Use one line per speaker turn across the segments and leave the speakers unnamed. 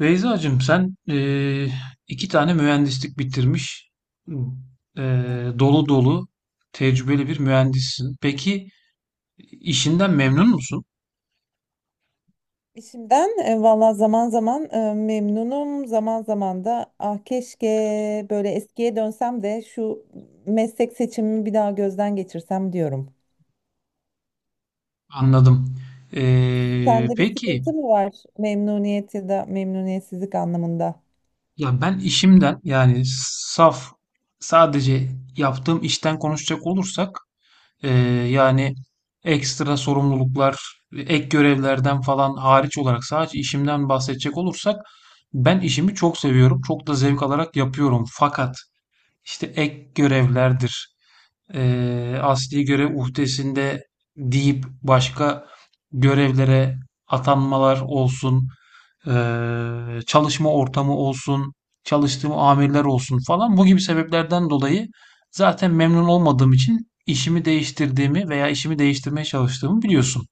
Beyzacığım sen iki tane mühendislik bitirmiş, dolu dolu tecrübeli bir mühendissin. Peki işinden memnun musun?
İşimden valla zaman zaman memnunum. Zaman zaman da ah keşke böyle eskiye dönsem de şu meslek seçimimi bir daha gözden geçirsem diyorum.
Anladım.
Sende bir
Peki
sıkıntı mı var memnuniyet ya da memnuniyetsizlik anlamında?
ya ben işimden yani saf sadece yaptığım işten konuşacak olursak Ee, yani ekstra sorumluluklar, ek görevlerden falan hariç olarak sadece işimden bahsedecek olursak ben işimi çok seviyorum. Çok da zevk alarak yapıyorum. Fakat işte ek görevlerdir, asli görev uhdesinde deyip başka görevlere atanmalar olsun, çalışma ortamı olsun, çalıştığım amirler olsun falan bu gibi sebeplerden dolayı zaten memnun olmadığım için işimi değiştirdiğimi veya işimi değiştirmeye çalıştığımı biliyorsun.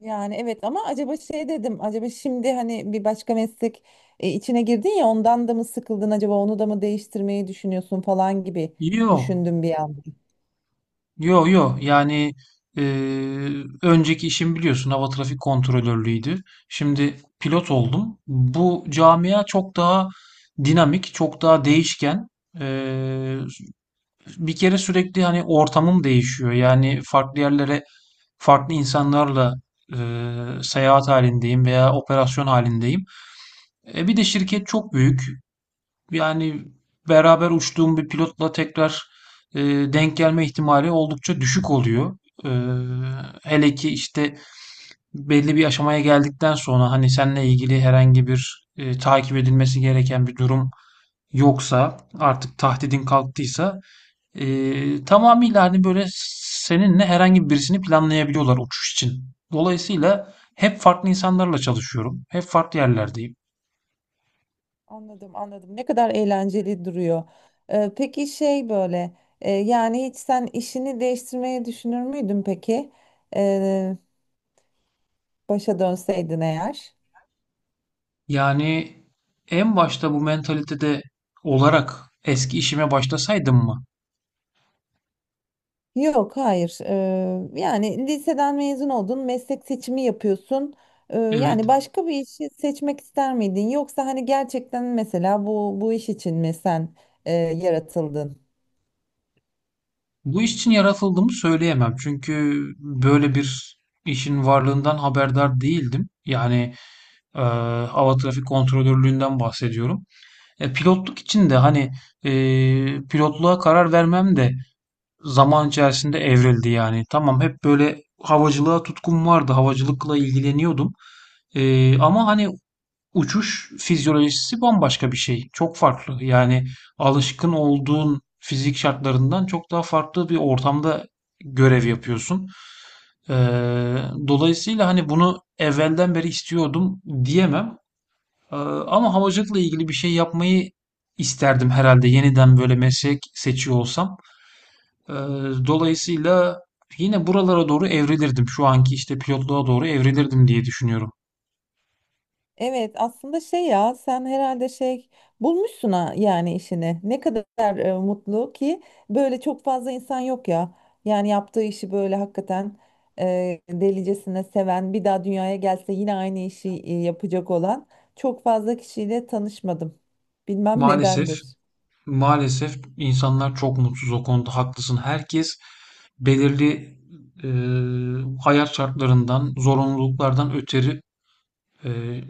Yani evet ama acaba şey dedim, acaba şimdi hani bir başka meslek içine girdin ya ondan da mı sıkıldın, acaba onu da mı değiştirmeyi düşünüyorsun falan gibi
Yok.
düşündüm bir an.
Yo, yo, yani e, önceki işim biliyorsun hava trafik kontrolörlüğüydü. Şimdi pilot oldum. Bu camia çok daha dinamik, çok daha değişken. E, Bir kere sürekli hani ortamım değişiyor. Yani farklı yerlere farklı insanlarla e, seyahat halindeyim veya operasyon halindeyim. Bir de şirket çok büyük. Yani beraber uçtuğum bir pilotla tekrar e, denk gelme ihtimali oldukça düşük oluyor. E, Hele ki işte belli bir aşamaya geldikten sonra hani seninle ilgili herhangi bir takip edilmesi gereken bir durum yoksa, artık tahdidin kalktıysa, e, tamamıyla hani böyle seninle herhangi birisini planlayabiliyorlar uçuş için. Dolayısıyla hep farklı insanlarla çalışıyorum. Hep farklı yerlerdeyim.
Anladım anladım, ne kadar eğlenceli duruyor. Peki şey böyle yani hiç sen işini değiştirmeyi düşünür müydün peki, Ee, başa dönseydin eğer?
Yani en başta bu mentalitede olarak eski işime başlasaydım mı?
Yok, hayır. Yani liseden mezun oldun, meslek seçimi yapıyorsun.
Evet.
Yani başka bir işi seçmek ister miydin? Yoksa hani gerçekten mesela bu iş için mi sen yaratıldın?
Bu iş için yaratıldığımı söyleyemem. Çünkü böyle bir işin varlığından haberdar değildim. Yani eee hava trafik kontrolörlüğünden bahsediyorum. E, pilotluk için de hani pilotluğa karar vermem de zaman içerisinde evrildi yani. Tamam, hep böyle havacılığa tutkum vardı. Havacılıkla ilgileniyordum. Ama hani uçuş fizyolojisi bambaşka bir şey. Çok farklı. Yani alışkın
Evet.
olduğun fizik şartlarından çok daha farklı bir ortamda görev yapıyorsun. Ee, Dolayısıyla hani bunu evvelden beri istiyordum diyemem. Ama havacılıkla ilgili bir şey yapmayı isterdim herhalde yeniden böyle meslek seçiyor olsam. Ee, Dolayısıyla yine buralara doğru evrilirdim. Şu anki işte pilotluğa doğru evrilirdim diye düşünüyorum.
Evet, aslında şey ya sen herhalde şey bulmuşsun ha yani işini. Ne kadar mutlu ki böyle çok fazla insan yok ya. Yani yaptığı işi böyle hakikaten delicesine seven, bir daha dünyaya gelse yine aynı işi yapacak olan çok fazla kişiyle tanışmadım. Bilmem
Maalesef,
nedendir.
maalesef insanlar çok mutsuz, o konuda haklısın. Herkes belirli hayat şartlarından, zorunluluklardan ötürü Ee,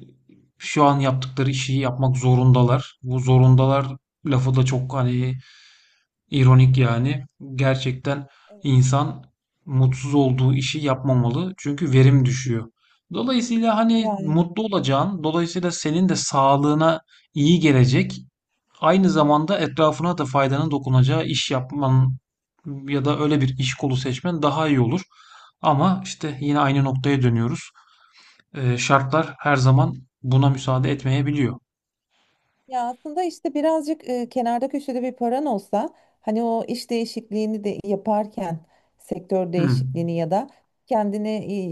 şu an yaptıkları işi yapmak zorundalar. Bu zorundalar lafı da çok hani ironik yani. Gerçekten insan mutsuz olduğu işi yapmamalı. Çünkü verim düşüyor. Dolayısıyla hani
Ya,
mutlu olacağın, dolayısıyla senin de sağlığına iyi gelecek, aynı zamanda etrafına da faydanın dokunacağı iş yapman ya da öyle bir iş kolu seçmen daha iyi olur. Ama işte yine aynı noktaya dönüyoruz. Şartlar her zaman buna müsaade etmeyebiliyor.
ya aslında işte birazcık kenarda köşede bir paran olsa, hani o iş değişikliğini de yaparken sektör
Hmm.
değişikliğini ya da kendini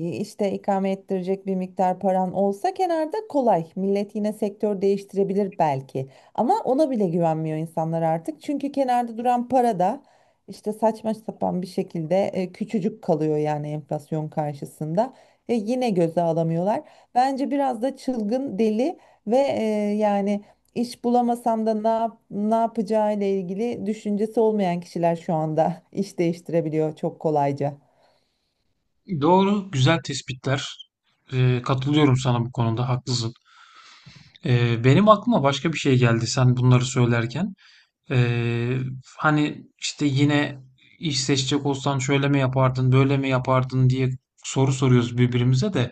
işte ikame ettirecek bir miktar paran olsa kenarda, kolay. Millet yine sektör değiştirebilir belki, ama ona bile güvenmiyor insanlar artık. Çünkü kenarda duran para da işte saçma sapan bir şekilde küçücük kalıyor yani enflasyon karşısında. Yine göze alamıyorlar. Bence biraz da çılgın, deli ve yani İş bulamasam da ne yap, ne yapacağı ile ilgili düşüncesi olmayan kişiler şu anda iş değiştirebiliyor çok kolayca.
Doğru, güzel tespitler. Katılıyorum sana bu konuda, haklısın. Benim aklıma başka bir şey geldi sen bunları söylerken. Ee, Hani işte yine iş seçecek olsan şöyle mi yapardın, böyle mi yapardın diye soru soruyoruz birbirimize de.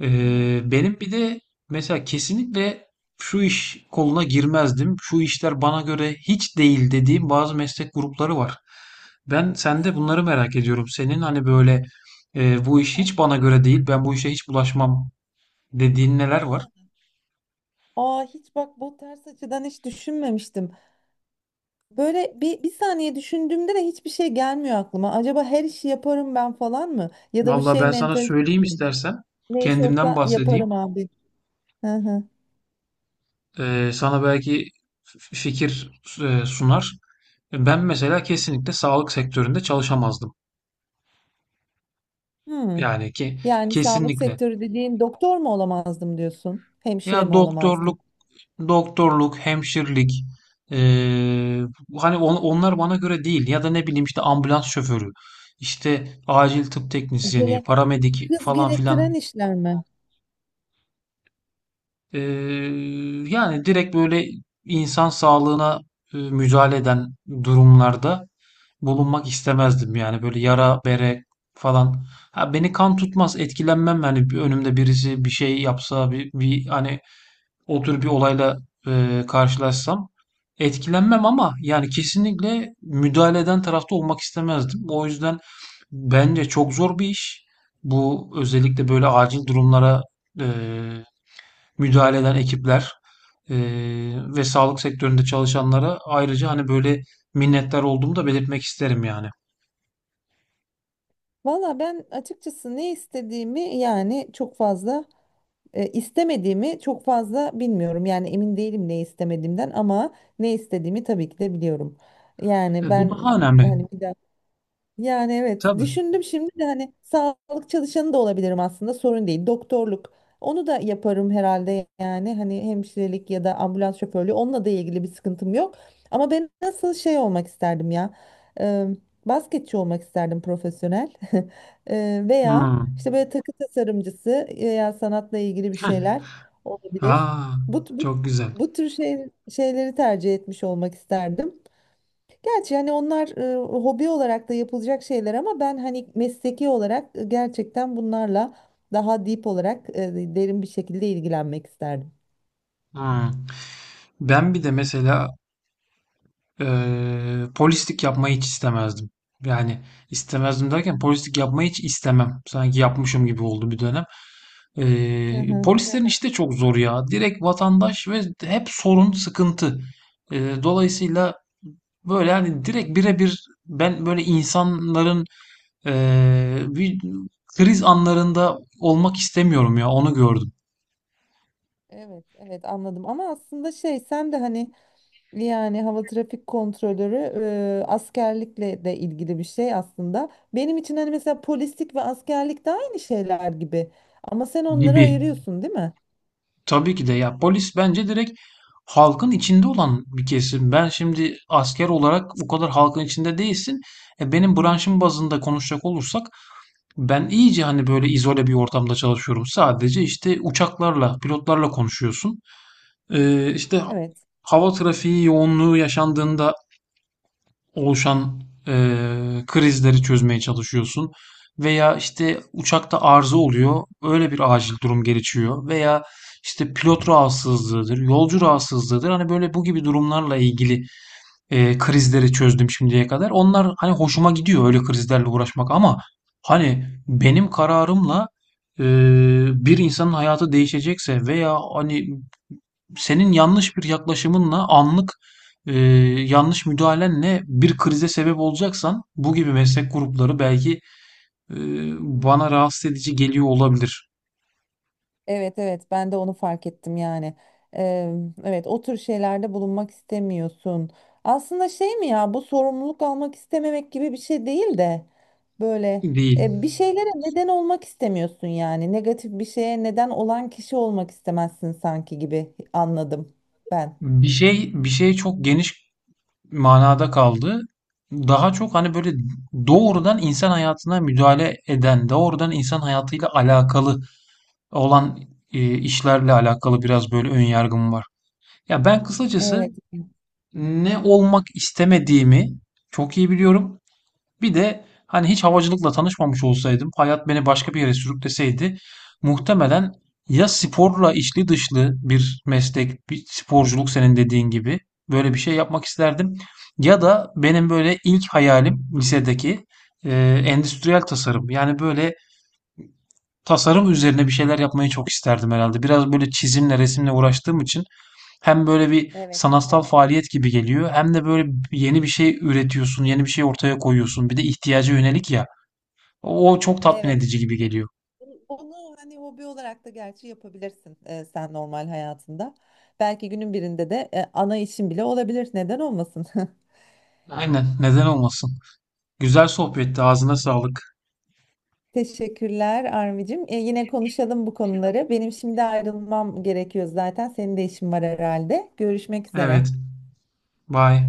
Benim bir de mesela kesinlikle şu iş koluna girmezdim. Şu işler bana göre hiç değil dediğim bazı meslek grupları var. Ben sende bunları
Ha,
merak ediyorum. Senin hani böyle bu iş hiç
ha,
bana göre değil, ben bu işe hiç bulaşmam dediğin neler var?
ha. Aa hiç bak, bu ters açıdan hiç düşünmemiştim. Böyle bir saniye düşündüğümde de hiçbir şey gelmiyor aklıma. Acaba her işi yaparım ben falan mı? Ya da bu
Vallahi
şey
ben sana
mentalitesi
söyleyeyim
mi?
istersen.
Ne iş
Kendimden
olsa
bahsedeyim.
yaparım abi. Hı hı.
Sana belki fikir sunar. Ben mesela kesinlikle sağlık sektöründe çalışamazdım.
Hmm.
Yani ki
Yani sağlık
kesinlikle.
sektörü dediğin doktor mu olamazdım diyorsun? Hemşire
Ya
mi olamazdın?
doktorluk, doktorluk, hemşirlik, eee, hani onlar bana göre değil. Ya da ne bileyim işte ambulans şoförü, işte acil tıp teknisyeni,
Acele,
paramedik
hız
falan filan.
gerektiren işler mi?
Eee, Yani direkt böyle insan sağlığına müdahale eden durumlarda bulunmak istemezdim. Yani böyle yara bere falan. Ha, beni kan tutmaz, etkilenmem. Yani bir önümde birisi bir şey yapsa, bir, hani o tür bir olayla karşılaşsam etkilenmem, ama yani kesinlikle müdahale eden tarafta olmak istemezdim. O yüzden bence çok zor bir iş. Bu özellikle böyle acil durumlara e, müdahale eden ekipler e, ve sağlık sektöründe çalışanlara ayrıca hani böyle minnettar olduğumu da belirtmek isterim yani.
Valla ben açıkçası ne istediğimi, yani çok fazla istemediğimi çok fazla bilmiyorum. Yani emin değilim ne istemediğimden, ama ne istediğimi tabii ki de biliyorum. Yani
Bu
ben
daha önemli.
hani bir, yani evet
Tabii.
düşündüm şimdi de, hani sağlık çalışanı da olabilirim aslında, sorun değil. Doktorluk, onu da yaparım herhalde yani, hani hemşirelik ya da ambulans şoförlüğü, onunla da ilgili bir sıkıntım yok. Ama ben nasıl şey olmak isterdim ya, e, basketçi olmak isterdim profesyonel. Veya
Hmm.
işte böyle takı tasarımcısı veya sanatla ilgili bir şeyler olabilir.
Aa,
Bu, bu,
çok güzel.
bu tür şeyleri tercih etmiş olmak isterdim. Gerçi hani onlar hobi olarak da yapılacak şeyler, ama ben hani mesleki olarak gerçekten bunlarla daha deep olarak derin bir şekilde ilgilenmek isterdim.
Hmm. Ben bir de mesela polislik yapmayı hiç istemezdim. Yani istemezdim derken polislik yapmayı hiç istemem. Sanki yapmışım gibi oldu bir dönem.
Hı hı.
Polislerin Evet. işi de çok zor ya. Direkt vatandaş ve hep sorun, sıkıntı. Dolayısıyla böyle yani direkt birebir ben böyle insanların bir kriz anlarında olmak istemiyorum ya, onu gördüm
Evet, evet anladım, ama aslında şey sen de hani, yani hava trafik kontrolörü askerlikle de ilgili bir şey aslında. Benim için hani mesela polislik ve askerlik de aynı şeyler gibi. Ama sen onları
gibi.
ayırıyorsun, değil mi?
Tabii ki de ya, polis bence direkt halkın içinde olan bir kesim. Ben şimdi asker olarak o kadar halkın içinde değilsin. Benim branşım bazında konuşacak olursak ben iyice hani böyle izole bir ortamda çalışıyorum. Sadece işte uçaklarla, pilotlarla konuşuyorsun. İşte
Evet.
hava trafiği yoğunluğu yaşandığında oluşan krizleri çözmeye çalışıyorsun. Veya işte uçakta arıza oluyor, öyle bir acil durum gelişiyor. Veya işte pilot rahatsızlığıdır, yolcu rahatsızlığıdır. Hani böyle bu gibi durumlarla ilgili krizleri çözdüm şimdiye kadar. Onlar hani hoşuma gidiyor, öyle krizlerle uğraşmak. Ama hani benim kararımla eee, bir insanın hayatı değişecekse veya hani senin yanlış bir yaklaşımınla anlık e, yanlış müdahalenle bir krize sebep olacaksan, bu gibi meslek grupları belki e, bana
Hmm.
rahatsız edici geliyor olabilir.
Evet evet, ben de onu fark ettim yani. Eee, evet o tür şeylerde bulunmak istemiyorsun. Aslında şey mi ya, bu sorumluluk almak istememek gibi bir şey değil de böyle
Değil.
bir şeylere neden olmak istemiyorsun yani. Negatif bir şeye neden olan kişi olmak istemezsin sanki gibi anladım ben.
Bir şey çok geniş manada kaldı. Daha çok hani böyle doğrudan insan hayatına müdahale eden, doğrudan insan hayatıyla alakalı olan işlerle alakalı biraz böyle ön yargım var. Ya ben kısacası
Evet.
ne olmak istemediğimi çok iyi biliyorum. Bir de hani hiç havacılıkla tanışmamış olsaydım, hayat beni başka bir yere sürükleseydi muhtemelen ya sporla içli dışlı bir meslek, bir sporculuk senin dediğin gibi böyle bir şey yapmak isterdim. Ya da benim böyle ilk hayalim lisedeki e, endüstriyel tasarım. Yani böyle tasarım üzerine bir şeyler yapmayı çok isterdim herhalde. Biraz böyle çizimle, resimle uğraştığım için hem böyle bir
Evet.
sanatsal faaliyet gibi geliyor, hem de böyle yeni bir şey üretiyorsun, yeni bir şey ortaya koyuyorsun. Bir de ihtiyaca yönelik ya. O çok tatmin
Evet.
edici gibi geliyor.
Bu- Bunu hani hobi olarak da gerçi yapabilirsin sen normal hayatında. Belki günün birinde de ana işin bile olabilir. Neden olmasın?
Aynen, neden olmasın. Güzel sohbetti. Ağzına sağlık.
Teşekkürler Armi'cim. Yine konuşalım bu konuları. Benim şimdi ayrılmam gerekiyor zaten. Senin de işin var herhalde. Görüşmek üzere.
Evet, bay.